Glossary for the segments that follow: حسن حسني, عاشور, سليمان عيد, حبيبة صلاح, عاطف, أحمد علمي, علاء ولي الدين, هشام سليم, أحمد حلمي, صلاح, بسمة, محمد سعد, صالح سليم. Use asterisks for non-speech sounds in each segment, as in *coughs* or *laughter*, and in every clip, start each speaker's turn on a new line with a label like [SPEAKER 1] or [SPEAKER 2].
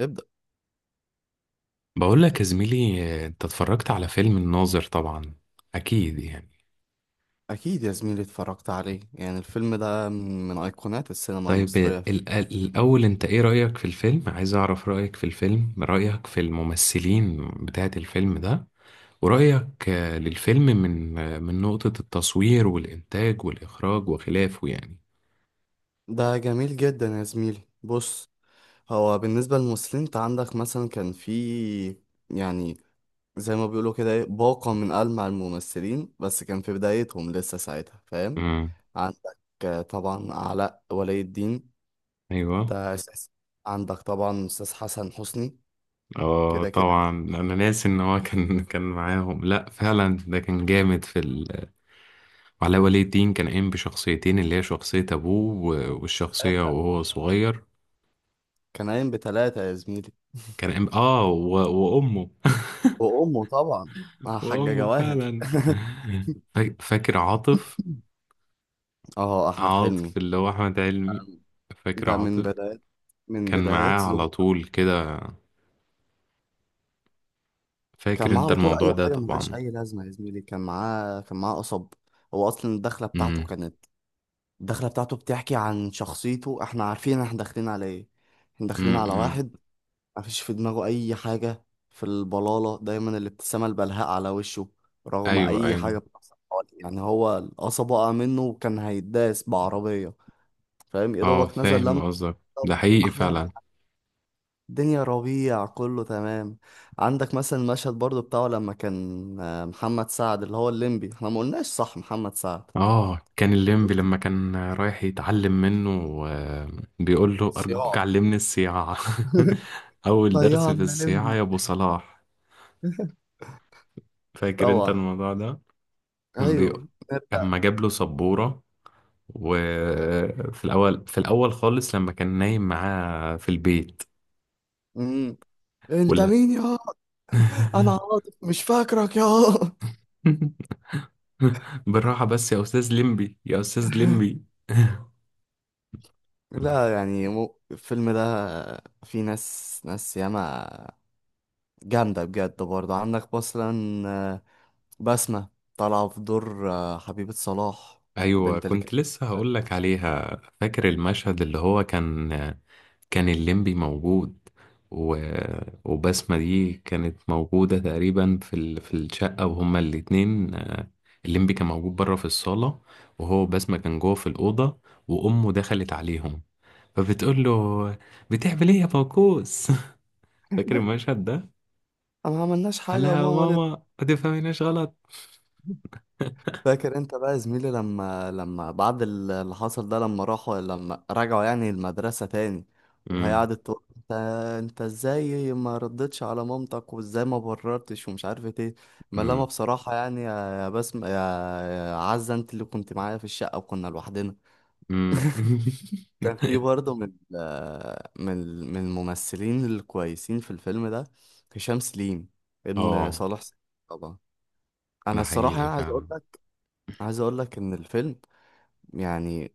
[SPEAKER 1] ابدأ.
[SPEAKER 2] بقول لك يا زميلي، انت اتفرجت على فيلم الناظر طبعا، اكيد يعني.
[SPEAKER 1] أكيد يا زميلي اتفرجت عليه، يعني الفيلم ده من أيقونات السينما
[SPEAKER 2] طيب
[SPEAKER 1] المصرية
[SPEAKER 2] الاول انت ايه رأيك في الفيلم؟ عايز اعرف رأيك في الفيلم، رأيك في الممثلين بتاعت الفيلم ده، ورأيك للفيلم من من نقطة التصوير والإنتاج والإخراج وخلافه يعني.
[SPEAKER 1] ده جميل جدا يا زميلي. بص، هو بالنسبة للمسلمين انت عندك مثلا كان في، يعني زي ما بيقولوا كده ايه، باقة من ألمع الممثلين، بس كان في بدايتهم لسه ساعتها، فاهم.
[SPEAKER 2] امم.
[SPEAKER 1] عندك طبعا علاء ولي الدين،
[SPEAKER 2] ايوه.
[SPEAKER 1] ده أساس. عندك طبعا أستاذ حسن حسني،
[SPEAKER 2] اه
[SPEAKER 1] كده كده.
[SPEAKER 2] طبعا، انا ناسي ان هو كان معاهم. لا فعلا ده كان جامد في علاء ولي الدين. كان قايم بشخصيتين، اللي هي شخصية أبوه والشخصية
[SPEAKER 1] تلاتة،
[SPEAKER 2] وهو صغير.
[SPEAKER 1] كان قايم بتلاتة يا زميلي.
[SPEAKER 2] كان قايم، وأمه.
[SPEAKER 1] وأمه طبعا، مع
[SPEAKER 2] *laughs*
[SPEAKER 1] حاجة
[SPEAKER 2] وأمه
[SPEAKER 1] جواهر
[SPEAKER 2] فعلا.
[SPEAKER 1] *laughs*
[SPEAKER 2] فاكر عاطف؟
[SPEAKER 1] اه أحمد حلمي،
[SPEAKER 2] عاطف اللي هو أحمد علمي. فاكر
[SPEAKER 1] ده من
[SPEAKER 2] عاطف؟
[SPEAKER 1] بدايات،
[SPEAKER 2] كان معاه على
[SPEAKER 1] ظهور.
[SPEAKER 2] طول كده.
[SPEAKER 1] كان
[SPEAKER 2] فاكر
[SPEAKER 1] معاه
[SPEAKER 2] أنت
[SPEAKER 1] على طول
[SPEAKER 2] الموضوع
[SPEAKER 1] اي
[SPEAKER 2] ده
[SPEAKER 1] حاجه ملهاش
[SPEAKER 2] طبعا.
[SPEAKER 1] اي لازمه يا زميلي، كان معاه، قصب. هو اصلا الدخله بتاعته
[SPEAKER 2] امم.
[SPEAKER 1] كانت، الدخله بتاعته بتحكي عن شخصيته. احنا عارفين احنا داخلين على ايه، احنا داخلين
[SPEAKER 2] امم.
[SPEAKER 1] على
[SPEAKER 2] امم.
[SPEAKER 1] واحد مفيش في دماغه اي حاجه، في البلاله دايما الابتسامه البلهاء على وشه، رغم
[SPEAKER 2] أيوه
[SPEAKER 1] اي حاجه
[SPEAKER 2] أيوه.
[SPEAKER 1] بتحصل حواليه. يعني هو القصب وقع منه وكان هيداس بعربيه، فاهم، يا
[SPEAKER 2] أه
[SPEAKER 1] دوبك نزل
[SPEAKER 2] فاهم
[SPEAKER 1] لما.
[SPEAKER 2] قصدك، ده حقيقي
[SPEAKER 1] احلى،
[SPEAKER 2] فعلا.
[SPEAKER 1] الدنيا ربيع كله تمام. عندك مثلا المشهد برضو بتاعه لما كان محمد سعد اللي هو الليمبي، احنا ما قلناش صح، محمد سعد
[SPEAKER 2] اه كان الليمبي
[SPEAKER 1] قلت،
[SPEAKER 2] لما كان رايح يتعلم منه. آه، بيقول له ارجوك
[SPEAKER 1] صياع
[SPEAKER 2] علمني السياعة.
[SPEAKER 1] *laughs*
[SPEAKER 2] *laughs* اول درس في
[SPEAKER 1] طيعنا
[SPEAKER 2] السياعة
[SPEAKER 1] ليمبي.
[SPEAKER 2] يا ابو صلاح. فاكر انت
[SPEAKER 1] طبعا.
[SPEAKER 2] الموضوع ده؟ كان بي-
[SPEAKER 1] ايوه نرجع.
[SPEAKER 2] اما جاب له سبورة. وفي الاول خالص لما كان نايم معاه في البيت.
[SPEAKER 1] امم. انت
[SPEAKER 2] ولا.
[SPEAKER 1] مين يا، انا
[SPEAKER 2] *laughs*
[SPEAKER 1] عاطف مش فاكرك يا *laughs*
[SPEAKER 2] بالراحة بس يا استاذ ليمبي، يا استاذ ليمبي. *laughs*
[SPEAKER 1] لا، يعني مو الفيلم ده، في ناس ناس ياما جامدة بجد. برضه عندك مثلا آه، بسمة، طالعة في دور حبيبة صلاح،
[SPEAKER 2] ايوه
[SPEAKER 1] البنت اللي كانت،
[SPEAKER 2] كنت لسه هقول لك عليها. فاكر المشهد اللي هو كان الليمبي موجود، و... وبسمة دي كانت موجودة تقريبا في في الشقة، وهما الاتنين، الليمبي كان موجود بره في الصالة، وهو بسمة كان جوه في الأوضة، وأمه دخلت عليهم، فبتقول له: بتعمل إيه يا فوكوس؟ *laughs* فاكر المشهد ده؟
[SPEAKER 1] ما عملناش
[SPEAKER 2] قال
[SPEAKER 1] حاجة يا
[SPEAKER 2] لها يا
[SPEAKER 1] ماما ولا.
[SPEAKER 2] ماما ما تفهميناش غلط.
[SPEAKER 1] فاكر انت بقى يا زميلي لما، بعد اللي حصل ده، لما راحوا، لما رجعوا يعني المدرسة تاني، وهي
[SPEAKER 2] أمم.
[SPEAKER 1] قعدت تقول: انت، ازاي ما ردتش على مامتك، وازاي ما بررتش ومش عارف ايه. ما لما
[SPEAKER 2] أمم.
[SPEAKER 1] بصراحة يعني، يا بسم يا عزة، انت اللي كنت معايا في الشقة وكنا لوحدنا.
[SPEAKER 2] أمم.
[SPEAKER 1] كان في
[SPEAKER 2] *laughs*
[SPEAKER 1] برضه من من الممثلين الكويسين في الفيلم ده هشام سليم، ابن
[SPEAKER 2] اه
[SPEAKER 1] صالح سليم، طبعا. انا
[SPEAKER 2] ده
[SPEAKER 1] الصراحة
[SPEAKER 2] حقيقي
[SPEAKER 1] يعني عايز اقول،
[SPEAKER 2] فعلا.
[SPEAKER 1] لك ان الفيلم، يعني،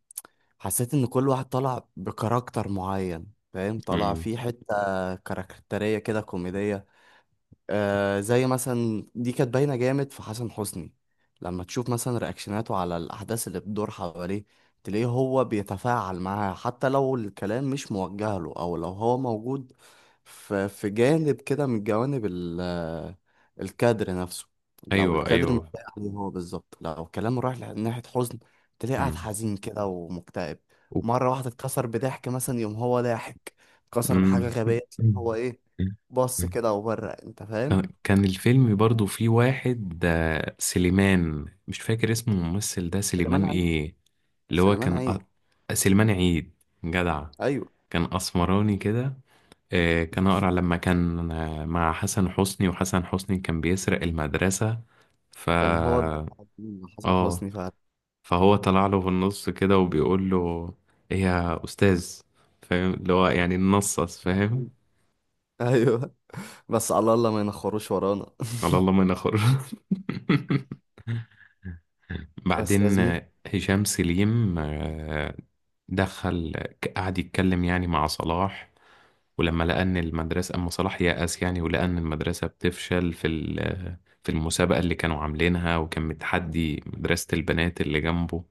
[SPEAKER 1] حسيت ان كل واحد طلع بكاركتر معين، فاهم، طلع
[SPEAKER 2] مم.
[SPEAKER 1] فيه حتة كاركترية كده كوميدية. زي مثلا دي كانت باينة جامد في حسن حسني. لما تشوف مثلا رياكشناته على الأحداث اللي بتدور حواليه، تلاقيه هو بيتفاعل معاها حتى لو الكلام مش موجه له، أو لو هو موجود في جانب كده من جوانب الكادر نفسه. لو
[SPEAKER 2] ايوه
[SPEAKER 1] الكادر مش
[SPEAKER 2] ايوه.
[SPEAKER 1] لايق عليه هو بالظبط، لو كلامه رايح ناحية حزن، تلاقيه قاعد
[SPEAKER 2] مم.
[SPEAKER 1] حزين كده ومكتئب.
[SPEAKER 2] و-
[SPEAKER 1] مرة واحدة اتكسر بضحك مثلا، يوم هو ضاحك، اتكسر بحاجة
[SPEAKER 2] مم.
[SPEAKER 1] غبية، تلاقيه هو ايه، بص كده وبره، انت فاهم.
[SPEAKER 2] كان الفيلم برضو فيه واحد، سليمان، مش فاكر اسمه الممثل ده،
[SPEAKER 1] سليمان
[SPEAKER 2] سليمان
[SPEAKER 1] عيد.
[SPEAKER 2] ايه؟ اللي هو
[SPEAKER 1] سليمان
[SPEAKER 2] كان
[SPEAKER 1] عيد،
[SPEAKER 2] سليمان عيد. جدع،
[SPEAKER 1] ايوه،
[SPEAKER 2] كان اسمراني كده، كان اقرع لما كان مع حسن حسني، وحسن حسني كان بيسرق المدرسة. ف
[SPEAKER 1] كان هو ده مع حسن
[SPEAKER 2] اه.
[SPEAKER 1] حسني فعلا.
[SPEAKER 2] فهو طلع له في النص كده وبيقول له: ايه يا استاذ؟ فاهم اللي هو يعني ننصص، فاهم.
[SPEAKER 1] *laughs* ايوه. بس على الله ما ينخروش ورانا
[SPEAKER 2] على الله ما نخر. *laughs*
[SPEAKER 1] *laughs* بس يا
[SPEAKER 2] بعدين
[SPEAKER 1] زميلي.
[SPEAKER 2] هشام سليم دخل، قعد يتكلم يعني مع صلاح. ولما لقى ان المدرسه، اما صلاح يأس يعني ولقى ان المدرسه بتفشل في في المسابقه اللي كانوا عاملينها، وكان متحدي مدرسه البنات اللي جنبه.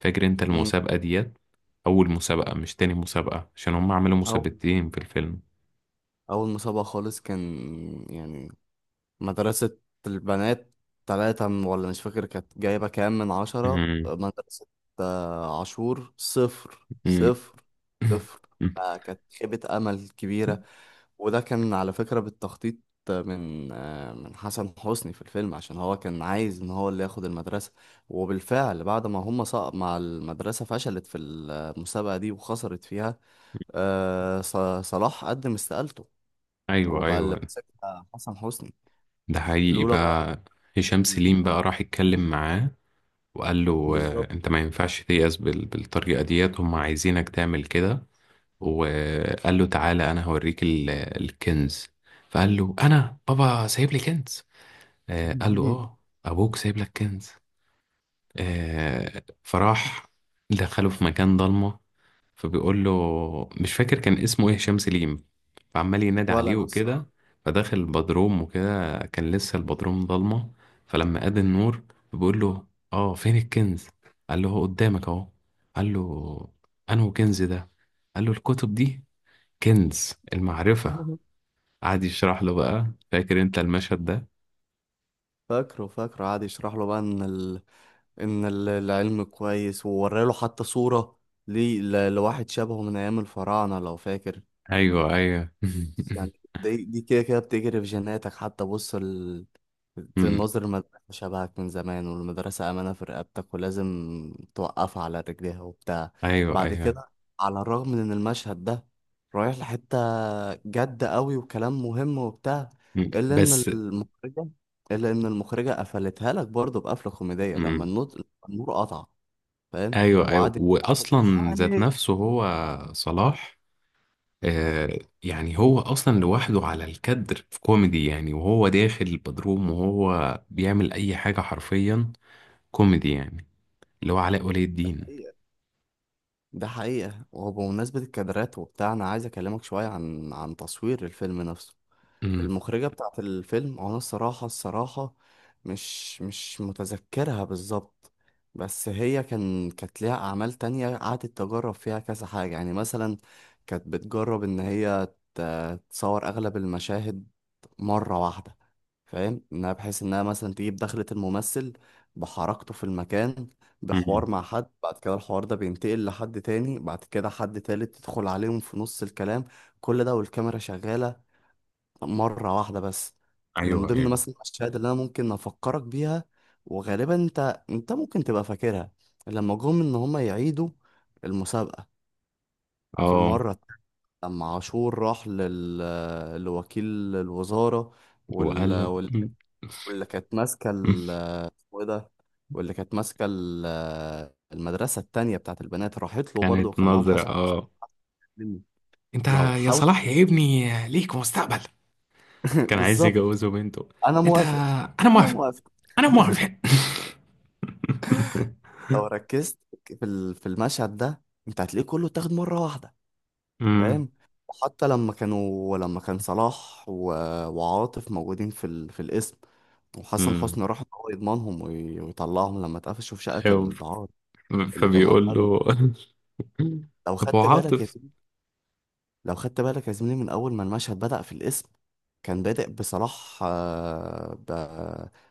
[SPEAKER 2] فاكر انت
[SPEAKER 1] مم.
[SPEAKER 2] المسابقه ديت؟ أول مسابقة، مش تاني مسابقة، عشان هم عملوا
[SPEAKER 1] اول،
[SPEAKER 2] مسابقتين في الفيلم.
[SPEAKER 1] مسابقه خالص كان، يعني، مدرسه البنات تلاتة ولا مش فاكر، كانت جايبه كام من 10
[SPEAKER 2] مم.
[SPEAKER 1] مدرسه. عاشور صفر
[SPEAKER 2] مم.
[SPEAKER 1] صفر صفر،
[SPEAKER 2] *coughs* *laughs*
[SPEAKER 1] فكانت خيبه امل كبيره. وده كان على فكرة بالتخطيط من حسن حسني في الفيلم، عشان هو كان عايز ان هو اللي ياخد المدرسة. وبالفعل بعد ما هم سقط، مع المدرسة فشلت في المسابقة دي وخسرت فيها، آه، ص- صلاح قدم استقالته،
[SPEAKER 2] أيوه
[SPEAKER 1] وبقى اللي
[SPEAKER 2] أيوه.
[SPEAKER 1] مسكها حسن حسني.
[SPEAKER 2] ده حقيقي
[SPEAKER 1] لولا بقى
[SPEAKER 2] بقى. هشام سليم
[SPEAKER 1] إن-
[SPEAKER 2] بقى راح يتكلم معاه، وقال له:
[SPEAKER 1] بالظبط.
[SPEAKER 2] أنت ما ينفعش تيأس بالطريقة ديت، هم عايزينك تعمل كده. وقال له: تعالى أنا هوريك الكنز. فقال له: أنا بابا سايب لي كنز؟ قال له: آه،
[SPEAKER 1] *laughs*
[SPEAKER 2] أبوك سايب لك كنز. فراح دخله في مكان ضلمة. فبيقول له، مش فاكر كان اسمه ايه هشام سليم، فعمال ينادي
[SPEAKER 1] ولا
[SPEAKER 2] عليه
[SPEAKER 1] انا الصراحة.
[SPEAKER 2] وكده. فداخل البدروم وكده، كان لسه البدروم ضلمة، فلما قاد النور بيقول له: اه، فين الكنز؟ قال له: هو قدامك اهو. قال له: انه كنز ده؟ قال له: الكتب دي كنز المعرفة.
[SPEAKER 1] *laughs*
[SPEAKER 2] قعد يشرح له بقى. فاكر انت المشهد ده؟
[SPEAKER 1] فاكره، قعد يشرح له بقى ان العلم كويس، ووراله حتى صورة ليه لواحد شبهه من ايام الفراعنة لو فاكر.
[SPEAKER 2] ايوه ايوه.
[SPEAKER 1] بس يعني
[SPEAKER 2] *laughs*
[SPEAKER 1] دي كده كده بتجري في جيناتك، حتى بص
[SPEAKER 2] أمم.
[SPEAKER 1] الناظر، المدرسة شبهك من زمان، والمدرسة أمانة في رقبتك ولازم توقفها على رجليها وبتاع.
[SPEAKER 2] ايوه
[SPEAKER 1] بعد
[SPEAKER 2] ايوه.
[SPEAKER 1] كده، على الرغم من إن المشهد ده رايح لحتة جد قوي وكلام مهم وبتاع،
[SPEAKER 2] أمم،
[SPEAKER 1] إلا إن
[SPEAKER 2] بس.
[SPEAKER 1] المخرجة، قفلتها لك برضه بقفلة كوميدية، لما
[SPEAKER 2] أمم.
[SPEAKER 1] النور، قطع، فاهم،
[SPEAKER 2] ايوه ايوه.
[SPEAKER 1] وقعد يعني:
[SPEAKER 2] واصلا ذات
[SPEAKER 1] الحقني.
[SPEAKER 2] نفسه هو صلاح، آه. يعني هو اصلا لوحده على الكدر في كوميدي يعني، وهو داخل البدروم وهو بيعمل اي حاجه حرفيا كوميدي يعني، اللي هو علاء ولي
[SPEAKER 1] ده
[SPEAKER 2] الدين.
[SPEAKER 1] حقيقة، ده حقيقة. وبمناسبة الكادرات وبتاع، أنا عايز أكلمك شوية عن تصوير الفيلم نفسه.
[SPEAKER 2] امم.
[SPEAKER 1] المخرجة بتاعة الفيلم، أنا الصراحة، مش متذكرها بالظبط، بس هي كانت ليها أعمال تانية قعدت تجرب فيها كذا حاجة. يعني مثلا كانت بتجرب إن هي تصور أغلب المشاهد مرة واحدة، فاهم، إنها بحيث إنها مثلا تجيب دخلة الممثل بحركته في المكان،
[SPEAKER 2] أمم.
[SPEAKER 1] بحوار مع حد، بعد كده الحوار ده بينتقل لحد تاني، بعد كده حد تالت تدخل عليهم في نص الكلام، كل ده والكاميرا شغالة مرة واحدة بس. من
[SPEAKER 2] ايوه
[SPEAKER 1] ضمن
[SPEAKER 2] ايوه.
[SPEAKER 1] مثلا الأشياء اللي أنا ممكن أفكرك بيها، وغالبا أنت ممكن تبقى فاكرها، لما جم إن هما يعيدوا المسابقة في
[SPEAKER 2] اه،
[SPEAKER 1] المرة التانية، لما عاشور راح لوكيل الوزارة،
[SPEAKER 2] وقال له.
[SPEAKER 1] وال... وال...
[SPEAKER 2] أمم.
[SPEAKER 1] واللي كانت ماسكة
[SPEAKER 2] أمم.
[SPEAKER 1] اسمه إيه ده، واللي كانت ماسكة المدرسة التانية بتاعت البنات، راحت له برضه،
[SPEAKER 2] كانت
[SPEAKER 1] وكان معاهم
[SPEAKER 2] نظره،
[SPEAKER 1] حسن
[SPEAKER 2] اه.
[SPEAKER 1] حسني.
[SPEAKER 2] انت
[SPEAKER 1] لو
[SPEAKER 2] يا
[SPEAKER 1] حاول
[SPEAKER 2] صلاح يا ابني ليك مستقبل.
[SPEAKER 1] *laughs*
[SPEAKER 2] كان عايز
[SPEAKER 1] بالظبط.
[SPEAKER 2] يجوزه بنته.
[SPEAKER 1] أنا
[SPEAKER 2] انت،
[SPEAKER 1] موافق،
[SPEAKER 2] انا
[SPEAKER 1] أنا
[SPEAKER 2] موافق،
[SPEAKER 1] موافق.
[SPEAKER 2] انا موافق. *laughs*
[SPEAKER 1] لو ركزت في المشهد ده، انت هتلاقيه كله اتاخد مره واحده،
[SPEAKER 2] امم.
[SPEAKER 1] فاهم. وحتى لما كان صلاح و... وعاطف موجودين في القسم، وحسن
[SPEAKER 2] امم.
[SPEAKER 1] حسني راح إن هو يضمنهم وي... ويطلعهم، لما اتقفشوا في شقه
[SPEAKER 2] ايوه،
[SPEAKER 1] الدعارة اللي كان مودع
[SPEAKER 2] فبيقول
[SPEAKER 1] لهم.
[SPEAKER 2] له. *laughs*
[SPEAKER 1] لو
[SPEAKER 2] طب هو
[SPEAKER 1] خدت بالك يا
[SPEAKER 2] عاطف.
[SPEAKER 1] زميلي لو خدت بالك يا زميلي من اول ما المشهد بدأ في القسم، كان بادئ بصلاح، آه، ب...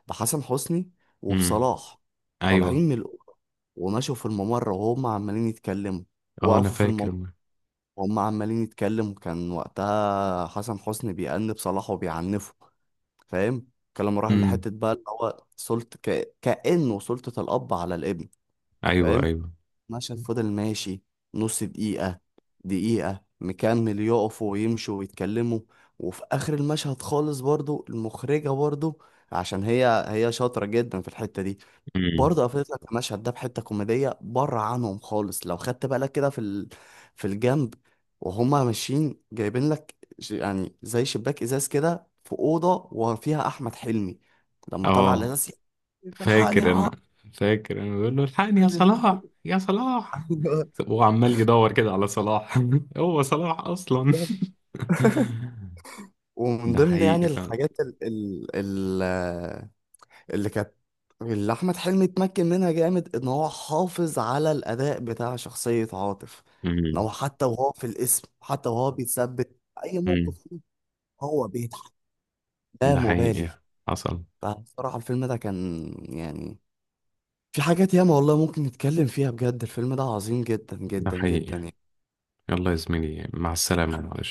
[SPEAKER 1] بحسن حسني
[SPEAKER 2] امم.
[SPEAKER 1] وبصلاح، طالعين
[SPEAKER 2] ايوه.
[SPEAKER 1] من الأوضة، ومشوا في الممر وهم عمالين يتكلموا،
[SPEAKER 2] اه، انا
[SPEAKER 1] وقفوا في الممر
[SPEAKER 2] فاكر.
[SPEAKER 1] وهم عمالين يتكلموا. كان وقتها حسن حسني بيأنب صلاح وبيعنفه، فاهم، الكلام راح
[SPEAKER 2] امم.
[SPEAKER 1] لحتة بقى اللي هو سلطة كأنه سلطة الأب على الابن،
[SPEAKER 2] ايوه
[SPEAKER 1] فاهم.
[SPEAKER 2] ايوه.
[SPEAKER 1] مشهد فضل ماشي نص دقيقة، دقيقة، مكمل يقفوا ويمشوا ويتكلموا. وفي آخر المشهد خالص برضو، المخرجة برضو، عشان هي شاطرة جدا في الحتة دي،
[SPEAKER 2] امم.
[SPEAKER 1] برضه قفلت لك المشهد ده بحته كوميديه بره عنهم خالص. لو خدت بالك كده في الجنب، وهما ماشيين جايبين لك يعني زي شباك ازاز كده في اوضه، وفيها احمد حلمي، لما طلع
[SPEAKER 2] اه
[SPEAKER 1] الازاز: الحقني يا
[SPEAKER 2] فاكر انا،
[SPEAKER 1] عم.
[SPEAKER 2] فاكر انا. بيقول له: الحقني يا صلاح،
[SPEAKER 1] *laughs*
[SPEAKER 2] يا صلاح.
[SPEAKER 1] أيوة،
[SPEAKER 2] هو عمال يدور كده على صلاح، *laughs* هو صلاح اصلا.
[SPEAKER 1] بالظبط.
[SPEAKER 2] *laughs*
[SPEAKER 1] ومن
[SPEAKER 2] ده
[SPEAKER 1] ضمن يعني
[SPEAKER 2] حقيقي فعلا.
[SPEAKER 1] الحاجات ال ال اللي كانت اللي احمد حلمي اتمكن منها جامد، ان هو حافظ على الاداء بتاع شخصية عاطف، ان
[SPEAKER 2] امم.
[SPEAKER 1] هو حتى وهو في الاسم، حتى وهو بيتثبت في اي
[SPEAKER 2] امم.
[SPEAKER 1] موقف فيه، هو بيضحك لا
[SPEAKER 2] ده حقيقي.
[SPEAKER 1] مبالي.
[SPEAKER 2] حصل.
[SPEAKER 1] فبصراحة الفيلم ده كان، يعني، في حاجات ياما والله ممكن نتكلم فيها بجد، الفيلم ده عظيم جدا
[SPEAKER 2] ده
[SPEAKER 1] جدا
[SPEAKER 2] حقيقي.
[SPEAKER 1] جدا.
[SPEAKER 2] يلا يا زميلي، مع السلامة، معلش.